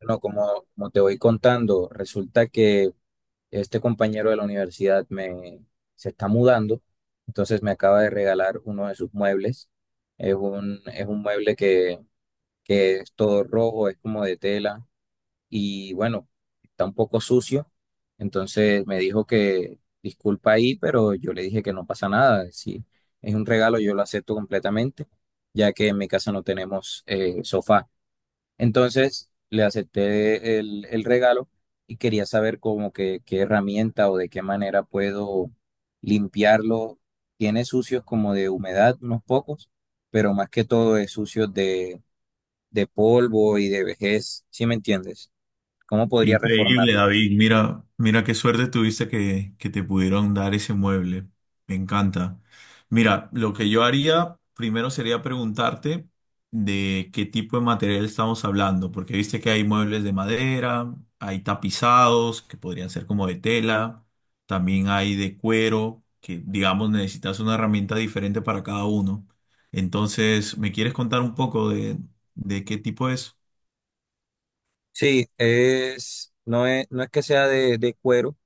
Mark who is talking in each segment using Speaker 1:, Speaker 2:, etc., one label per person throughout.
Speaker 1: Bueno, como te voy contando, resulta que este compañero de la universidad se está mudando, entonces me acaba de regalar uno de sus muebles. Es un mueble que es todo rojo, es como de tela y bueno, está un poco sucio. Entonces me dijo que disculpa ahí, pero yo le dije que no pasa nada. Si es un regalo, yo lo acepto completamente, ya que en mi casa no tenemos sofá. Entonces le acepté el regalo y quería saber como que qué herramienta o de qué manera puedo limpiarlo. Tiene sucios como de humedad, unos pocos, pero más que todo es sucio de polvo y de vejez, ¿sí me entiendes? ¿Cómo podría
Speaker 2: Increíble,
Speaker 1: reformarlo?
Speaker 2: David. Mira, mira qué suerte tuviste que te pudieron dar ese mueble. Me encanta. Mira, lo que yo haría primero sería preguntarte de qué tipo de material estamos hablando, porque viste que hay muebles de madera, hay tapizados que podrían ser como de tela, también hay de cuero, que digamos necesitas una herramienta diferente para cada uno. Entonces, ¿me quieres contar un poco de qué tipo es?
Speaker 1: Sí, no es que sea de cuero.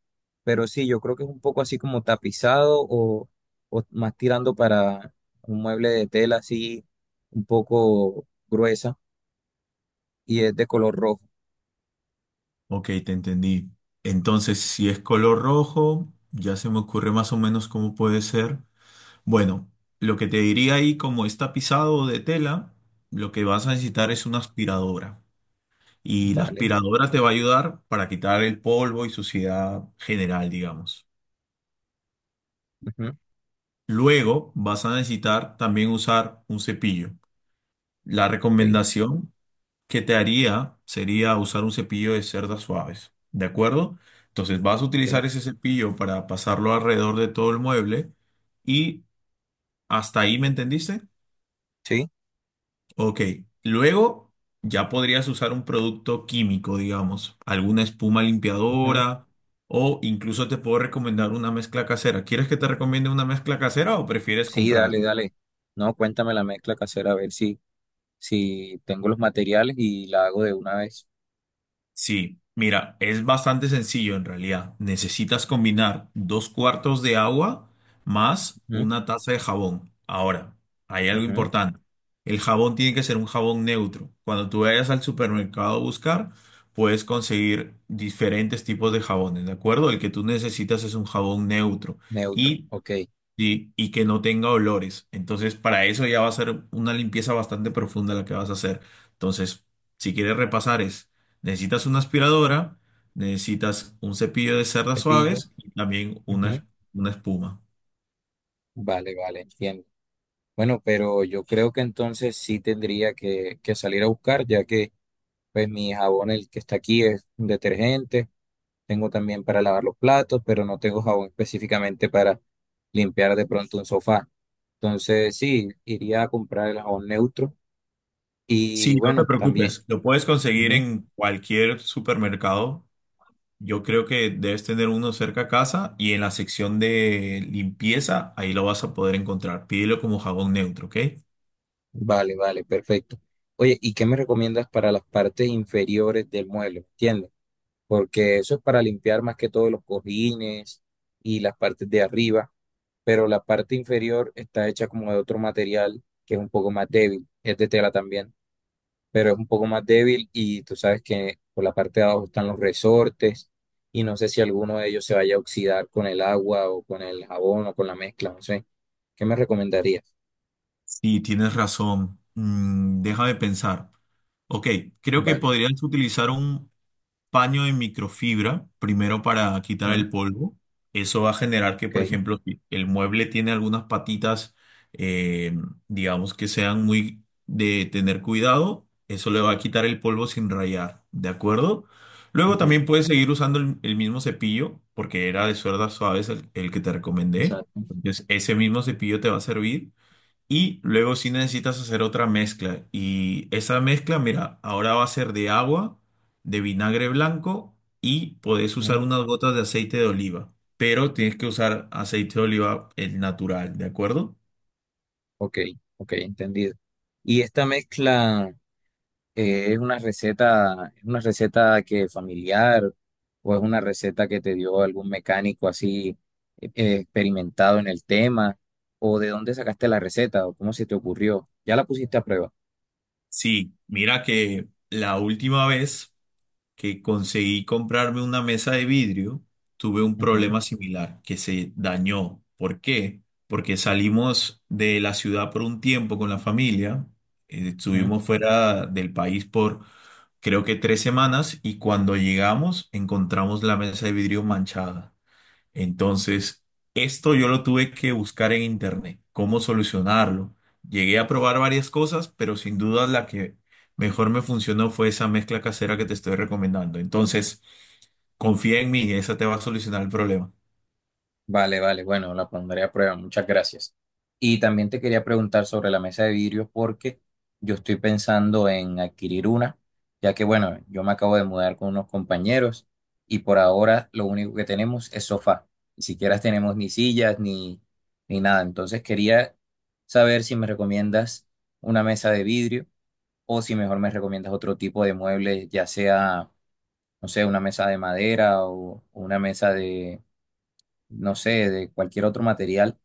Speaker 1: Pero sí, yo creo que es un poco así como tapizado o más tirando para un mueble de tela así un poco gruesa y es de color rojo.
Speaker 2: Ok, te entendí. Entonces, si es color rojo, ya se me ocurre más o menos cómo puede ser. Bueno, lo que te diría ahí, como está pisado de tela, lo que vas a necesitar
Speaker 1: Ujú.
Speaker 2: es una aspiradora. Y la
Speaker 1: Vale.
Speaker 2: aspiradora te va a ayudar para quitar el polvo y suciedad general, digamos.
Speaker 1: Ujú.
Speaker 2: Luego vas a necesitar también usar un cepillo. La
Speaker 1: Ok,
Speaker 2: recomendación que te haría sería usar un cepillo de cerdas suaves, ¿de acuerdo? Entonces vas a
Speaker 1: ok.
Speaker 2: utilizar ese cepillo para pasarlo alrededor de todo el mueble y hasta ahí, ¿me entendiste?
Speaker 1: Sí.
Speaker 2: Ok, luego ya podrías usar un producto químico, digamos, alguna espuma
Speaker 1: Ujú.
Speaker 2: limpiadora o incluso te puedo recomendar una mezcla casera. ¿Quieres que te recomiende una mezcla casera o prefieres
Speaker 1: Sí,
Speaker 2: comprar?
Speaker 1: dale, dale. No, cuéntame la mezcla casera a ver si, si tengo los materiales y la hago de una vez.
Speaker 2: Sí, mira, es bastante sencillo en realidad. Necesitas combinar dos cuartos de agua más
Speaker 1: Ujú,
Speaker 2: una taza de jabón. Ahora, hay algo
Speaker 1: ujú.
Speaker 2: importante. El jabón tiene que ser un jabón neutro. Cuando tú vayas al supermercado a buscar, puedes conseguir diferentes tipos de jabones, ¿de acuerdo? El que tú necesitas es un jabón neutro
Speaker 1: Neutro,
Speaker 2: y
Speaker 1: ok.
Speaker 2: sí, y que no tenga olores. Entonces, para eso ya va a ser una limpieza bastante profunda la que vas a hacer. Entonces, si quieres repasar es, necesitas una aspiradora, necesitas un cepillo de cerdas
Speaker 1: Cepillo.
Speaker 2: suaves y también
Speaker 1: Ujú.
Speaker 2: una espuma.
Speaker 1: Vale, vale, entiendo. Bueno, pero yo creo que entonces sí tendría que salir a buscar, ya que pues mi jabón, el que está aquí, es un detergente. Tengo también para lavar los platos, pero no tengo jabón específicamente para limpiar de pronto un sofá. Entonces, sí, iría a comprar el jabón neutro.
Speaker 2: Sí,
Speaker 1: Y
Speaker 2: no te
Speaker 1: bueno, también.
Speaker 2: preocupes, lo puedes conseguir
Speaker 1: Ujú.
Speaker 2: en cualquier supermercado. Yo creo que debes tener uno cerca a casa y en la sección de limpieza, ahí lo vas a poder encontrar. Pídelo como jabón neutro, ¿ok?
Speaker 1: Vale, vale, perfecto. Oye, ¿y qué me recomiendas para las partes inferiores del mueble? ¿Entiendes? Porque eso es para limpiar más que todo los cojines y las partes de arriba, pero la parte inferior está hecha como de otro material que es un poco más débil, es de tela también. Pero es un poco más débil y tú sabes que por la parte de abajo están los resortes y no sé si alguno de ellos se vaya a oxidar con el agua o con el jabón o con la mezcla, no sé. ¿Qué me recomendarías?
Speaker 2: Sí, tienes razón. Déjame pensar. Ok, creo que
Speaker 1: Vale.
Speaker 2: podrías utilizar un paño de microfibra primero para quitar
Speaker 1: Ujú.
Speaker 2: el polvo. Eso va a generar que, por
Speaker 1: Ok.
Speaker 2: ejemplo, si el mueble tiene algunas patitas, eh, digamos que sean muy de tener cuidado, eso le va a quitar el polvo sin rayar, ¿de acuerdo? Luego
Speaker 1: Ujú.
Speaker 2: también puedes seguir usando el mismo cepillo, porque era de suerdas suaves el que te recomendé.
Speaker 1: Exacto.
Speaker 2: Entonces, ese mismo cepillo te va a servir. Y luego si necesitas hacer otra mezcla. Y esa mezcla, mira, ahora va a ser de agua, de vinagre blanco y podés usar
Speaker 1: Ujú.
Speaker 2: unas gotas de aceite de oliva. Pero tienes que usar aceite de oliva el natural, ¿de acuerdo?
Speaker 1: Ok, ok, entendido. Y esta mezcla... es una receta que familiar o es una receta que te dio algún mecánico así experimentado en el tema o de dónde sacaste la receta o cómo se te ocurrió. Ya la pusiste a prueba.
Speaker 2: Sí, mira que la última vez que conseguí comprarme una mesa de vidrio, tuve un
Speaker 1: Ujú,
Speaker 2: problema similar, que se dañó. ¿Por qué? Porque salimos de la ciudad por un tiempo con la familia,
Speaker 1: ujú.
Speaker 2: estuvimos fuera del país por creo que 3 semanas y cuando llegamos encontramos la mesa de vidrio manchada. Entonces, esto yo lo tuve que buscar en internet, cómo solucionarlo. Llegué a probar varias cosas, pero sin duda la que mejor me funcionó fue esa mezcla casera que te estoy recomendando. Entonces, confía en mí, esa te va a solucionar el problema.
Speaker 1: Vale, vale, bueno, la pondré a prueba, muchas gracias. Y también te quería preguntar sobre la mesa de vidrio porque yo estoy pensando en adquirir una, ya que bueno, yo me acabo de mudar con unos compañeros y por ahora lo único que tenemos es sofá, ni siquiera tenemos ni sillas ni, ni nada. Entonces quería saber si me recomiendas una mesa de vidrio o si mejor me recomiendas otro tipo de muebles, ya sea, no sé, una mesa de madera o una mesa de no sé, de cualquier otro material,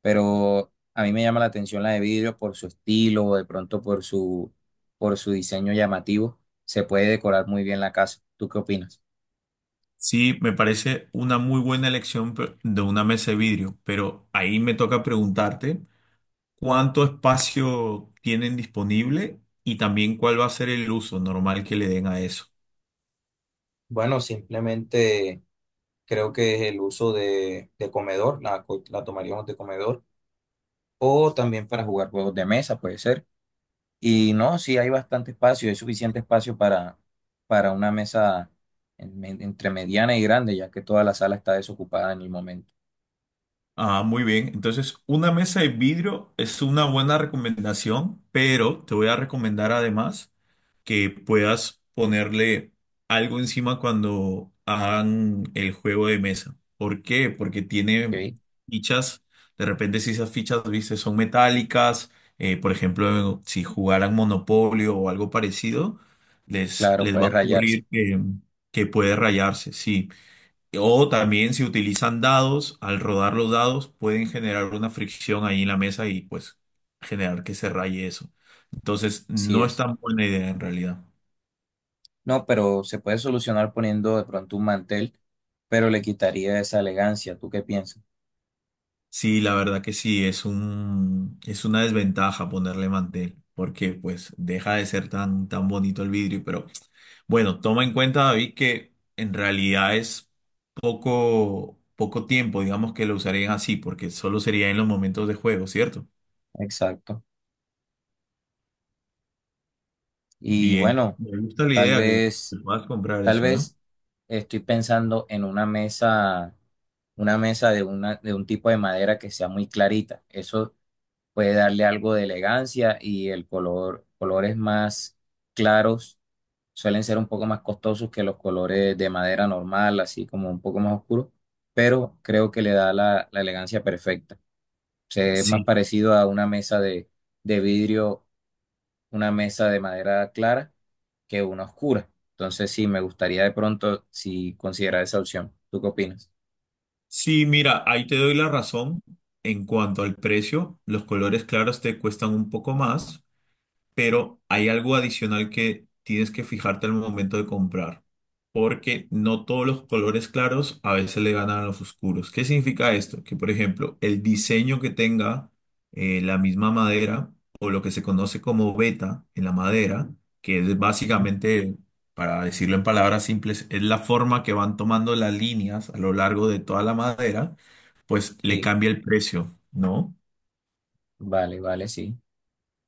Speaker 1: pero a mí me llama la atención la de vidrio por su estilo, o de pronto por su diseño llamativo, se puede decorar muy bien la casa. ¿Tú qué opinas?
Speaker 2: Sí, me parece una muy buena elección de una mesa de vidrio, pero ahí me toca preguntarte cuánto espacio tienen disponible y también cuál va a ser el uso normal que le den a eso.
Speaker 1: Bueno, simplemente creo que es el uso de comedor, la tomaríamos de comedor, o también para jugar juegos de mesa, puede ser. Y no, sí hay bastante espacio, hay suficiente espacio para una mesa entre mediana y grande, ya que toda la sala está desocupada en el momento.
Speaker 2: Ah, muy bien. Entonces, una mesa de vidrio es una buena recomendación, pero te voy a recomendar además que puedas ponerle algo encima cuando hagan el juego de mesa. ¿Por qué? Porque tiene
Speaker 1: ¿Ok?
Speaker 2: fichas. De repente, si esas fichas, viste, son metálicas, por ejemplo, si jugaran Monopolio o algo parecido, les,
Speaker 1: Claro,
Speaker 2: les va a
Speaker 1: puede rayarse,
Speaker 2: ocurrir que puede rayarse, sí. O también si utilizan dados, al rodar los dados pueden generar una fricción ahí en la mesa y pues generar que se raye eso. Entonces,
Speaker 1: sí
Speaker 2: no es
Speaker 1: es.
Speaker 2: tan buena idea en realidad.
Speaker 1: No, pero se puede solucionar poniendo de pronto un mantel, pero le quitaría esa elegancia. ¿Tú qué piensas?
Speaker 2: Sí, la verdad que sí, es un, es una desventaja ponerle mantel, porque pues deja de ser tan, tan bonito el vidrio. Pero bueno, toma en cuenta, David, que en realidad es poco, poco tiempo, digamos, que lo usarían así, porque solo sería en los momentos de juego, ¿cierto?
Speaker 1: Exacto. Y
Speaker 2: Bien,
Speaker 1: bueno,
Speaker 2: me gusta la
Speaker 1: tal
Speaker 2: idea que
Speaker 1: vez,
Speaker 2: puedas comprar
Speaker 1: tal
Speaker 2: eso, ¿eh?
Speaker 1: vez estoy pensando en una una mesa de un tipo de madera que sea muy clarita. Eso puede darle algo de elegancia y colores más claros suelen ser un poco más costosos que los colores de madera normal, así como un poco más oscuros, pero creo que le da la elegancia perfecta. O sea, es más
Speaker 2: Sí.
Speaker 1: parecido a una mesa de vidrio, una mesa de madera clara que una oscura. Entonces, sí, me gustaría de pronto si considerar esa opción. ¿Tú qué opinas?
Speaker 2: Sí, mira, ahí te doy la razón en cuanto al precio. Los colores claros te cuestan un poco más, pero hay algo adicional que tienes que fijarte al momento de comprar, porque no todos los colores claros a veces le ganan a los oscuros. ¿Qué significa esto? Que, por ejemplo, el diseño que tenga la misma madera o lo que se conoce como veta en la madera, que es
Speaker 1: Ujú.
Speaker 2: básicamente, para decirlo en palabras simples, es la forma que van tomando las líneas a lo largo de toda la madera, pues le
Speaker 1: Sí.
Speaker 2: cambia el precio, ¿no?
Speaker 1: Vale, vale, sí.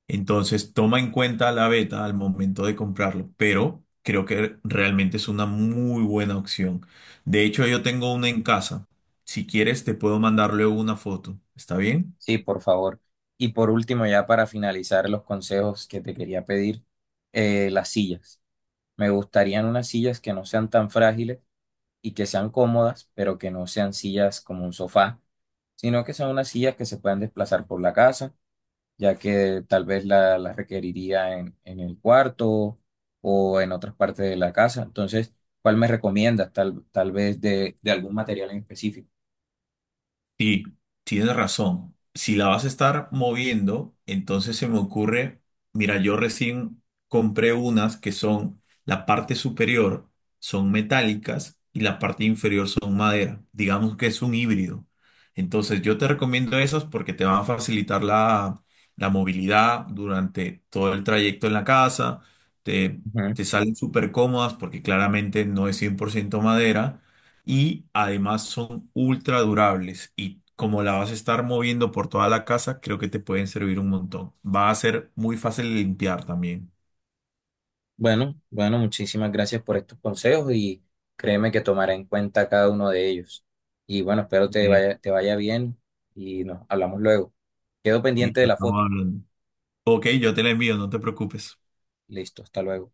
Speaker 2: Entonces, toma en cuenta la beta al momento de comprarlo, pero creo que realmente es una muy buena opción. De hecho, yo tengo una en casa. Si quieres, te puedo mandarle una foto. ¿Está bien?
Speaker 1: Sí, por favor. Y por último, ya para finalizar los consejos que te quería pedir, las sillas. Me gustarían unas sillas que no sean tan frágiles y que sean cómodas, pero que no sean sillas como un sofá, sino que sean unas sillas que se puedan desplazar por la casa, ya que tal vez las requeriría en el cuarto o en otras partes de la casa. Entonces, ¿cuál me recomiendas? Tal vez de algún material en específico.
Speaker 2: Sí, tienes razón. Si la vas a estar moviendo, entonces se me ocurre, mira, yo recién compré unas que son, la parte superior son metálicas y la parte inferior son madera. Digamos que es un híbrido. Entonces yo te recomiendo esas porque te van a facilitar la movilidad durante todo el trayecto en la casa. Te, Te salen súper cómodas porque claramente no es 100% madera y además son ultra durables y como la vas a estar moviendo por toda la casa, creo que te pueden servir un montón. Va a ser muy fácil de limpiar también.
Speaker 1: Bueno, bueno, muchísimas gracias por estos consejos y créeme que tomaré en cuenta cada uno de ellos. Y bueno, espero
Speaker 2: Bien,
Speaker 1: te vaya bien y nos hablamos luego. Quedo pendiente de
Speaker 2: listo,
Speaker 1: la
Speaker 2: estamos
Speaker 1: foto.
Speaker 2: hablando. Ok, yo te la envío, no te preocupes.
Speaker 1: Listo, hasta luego.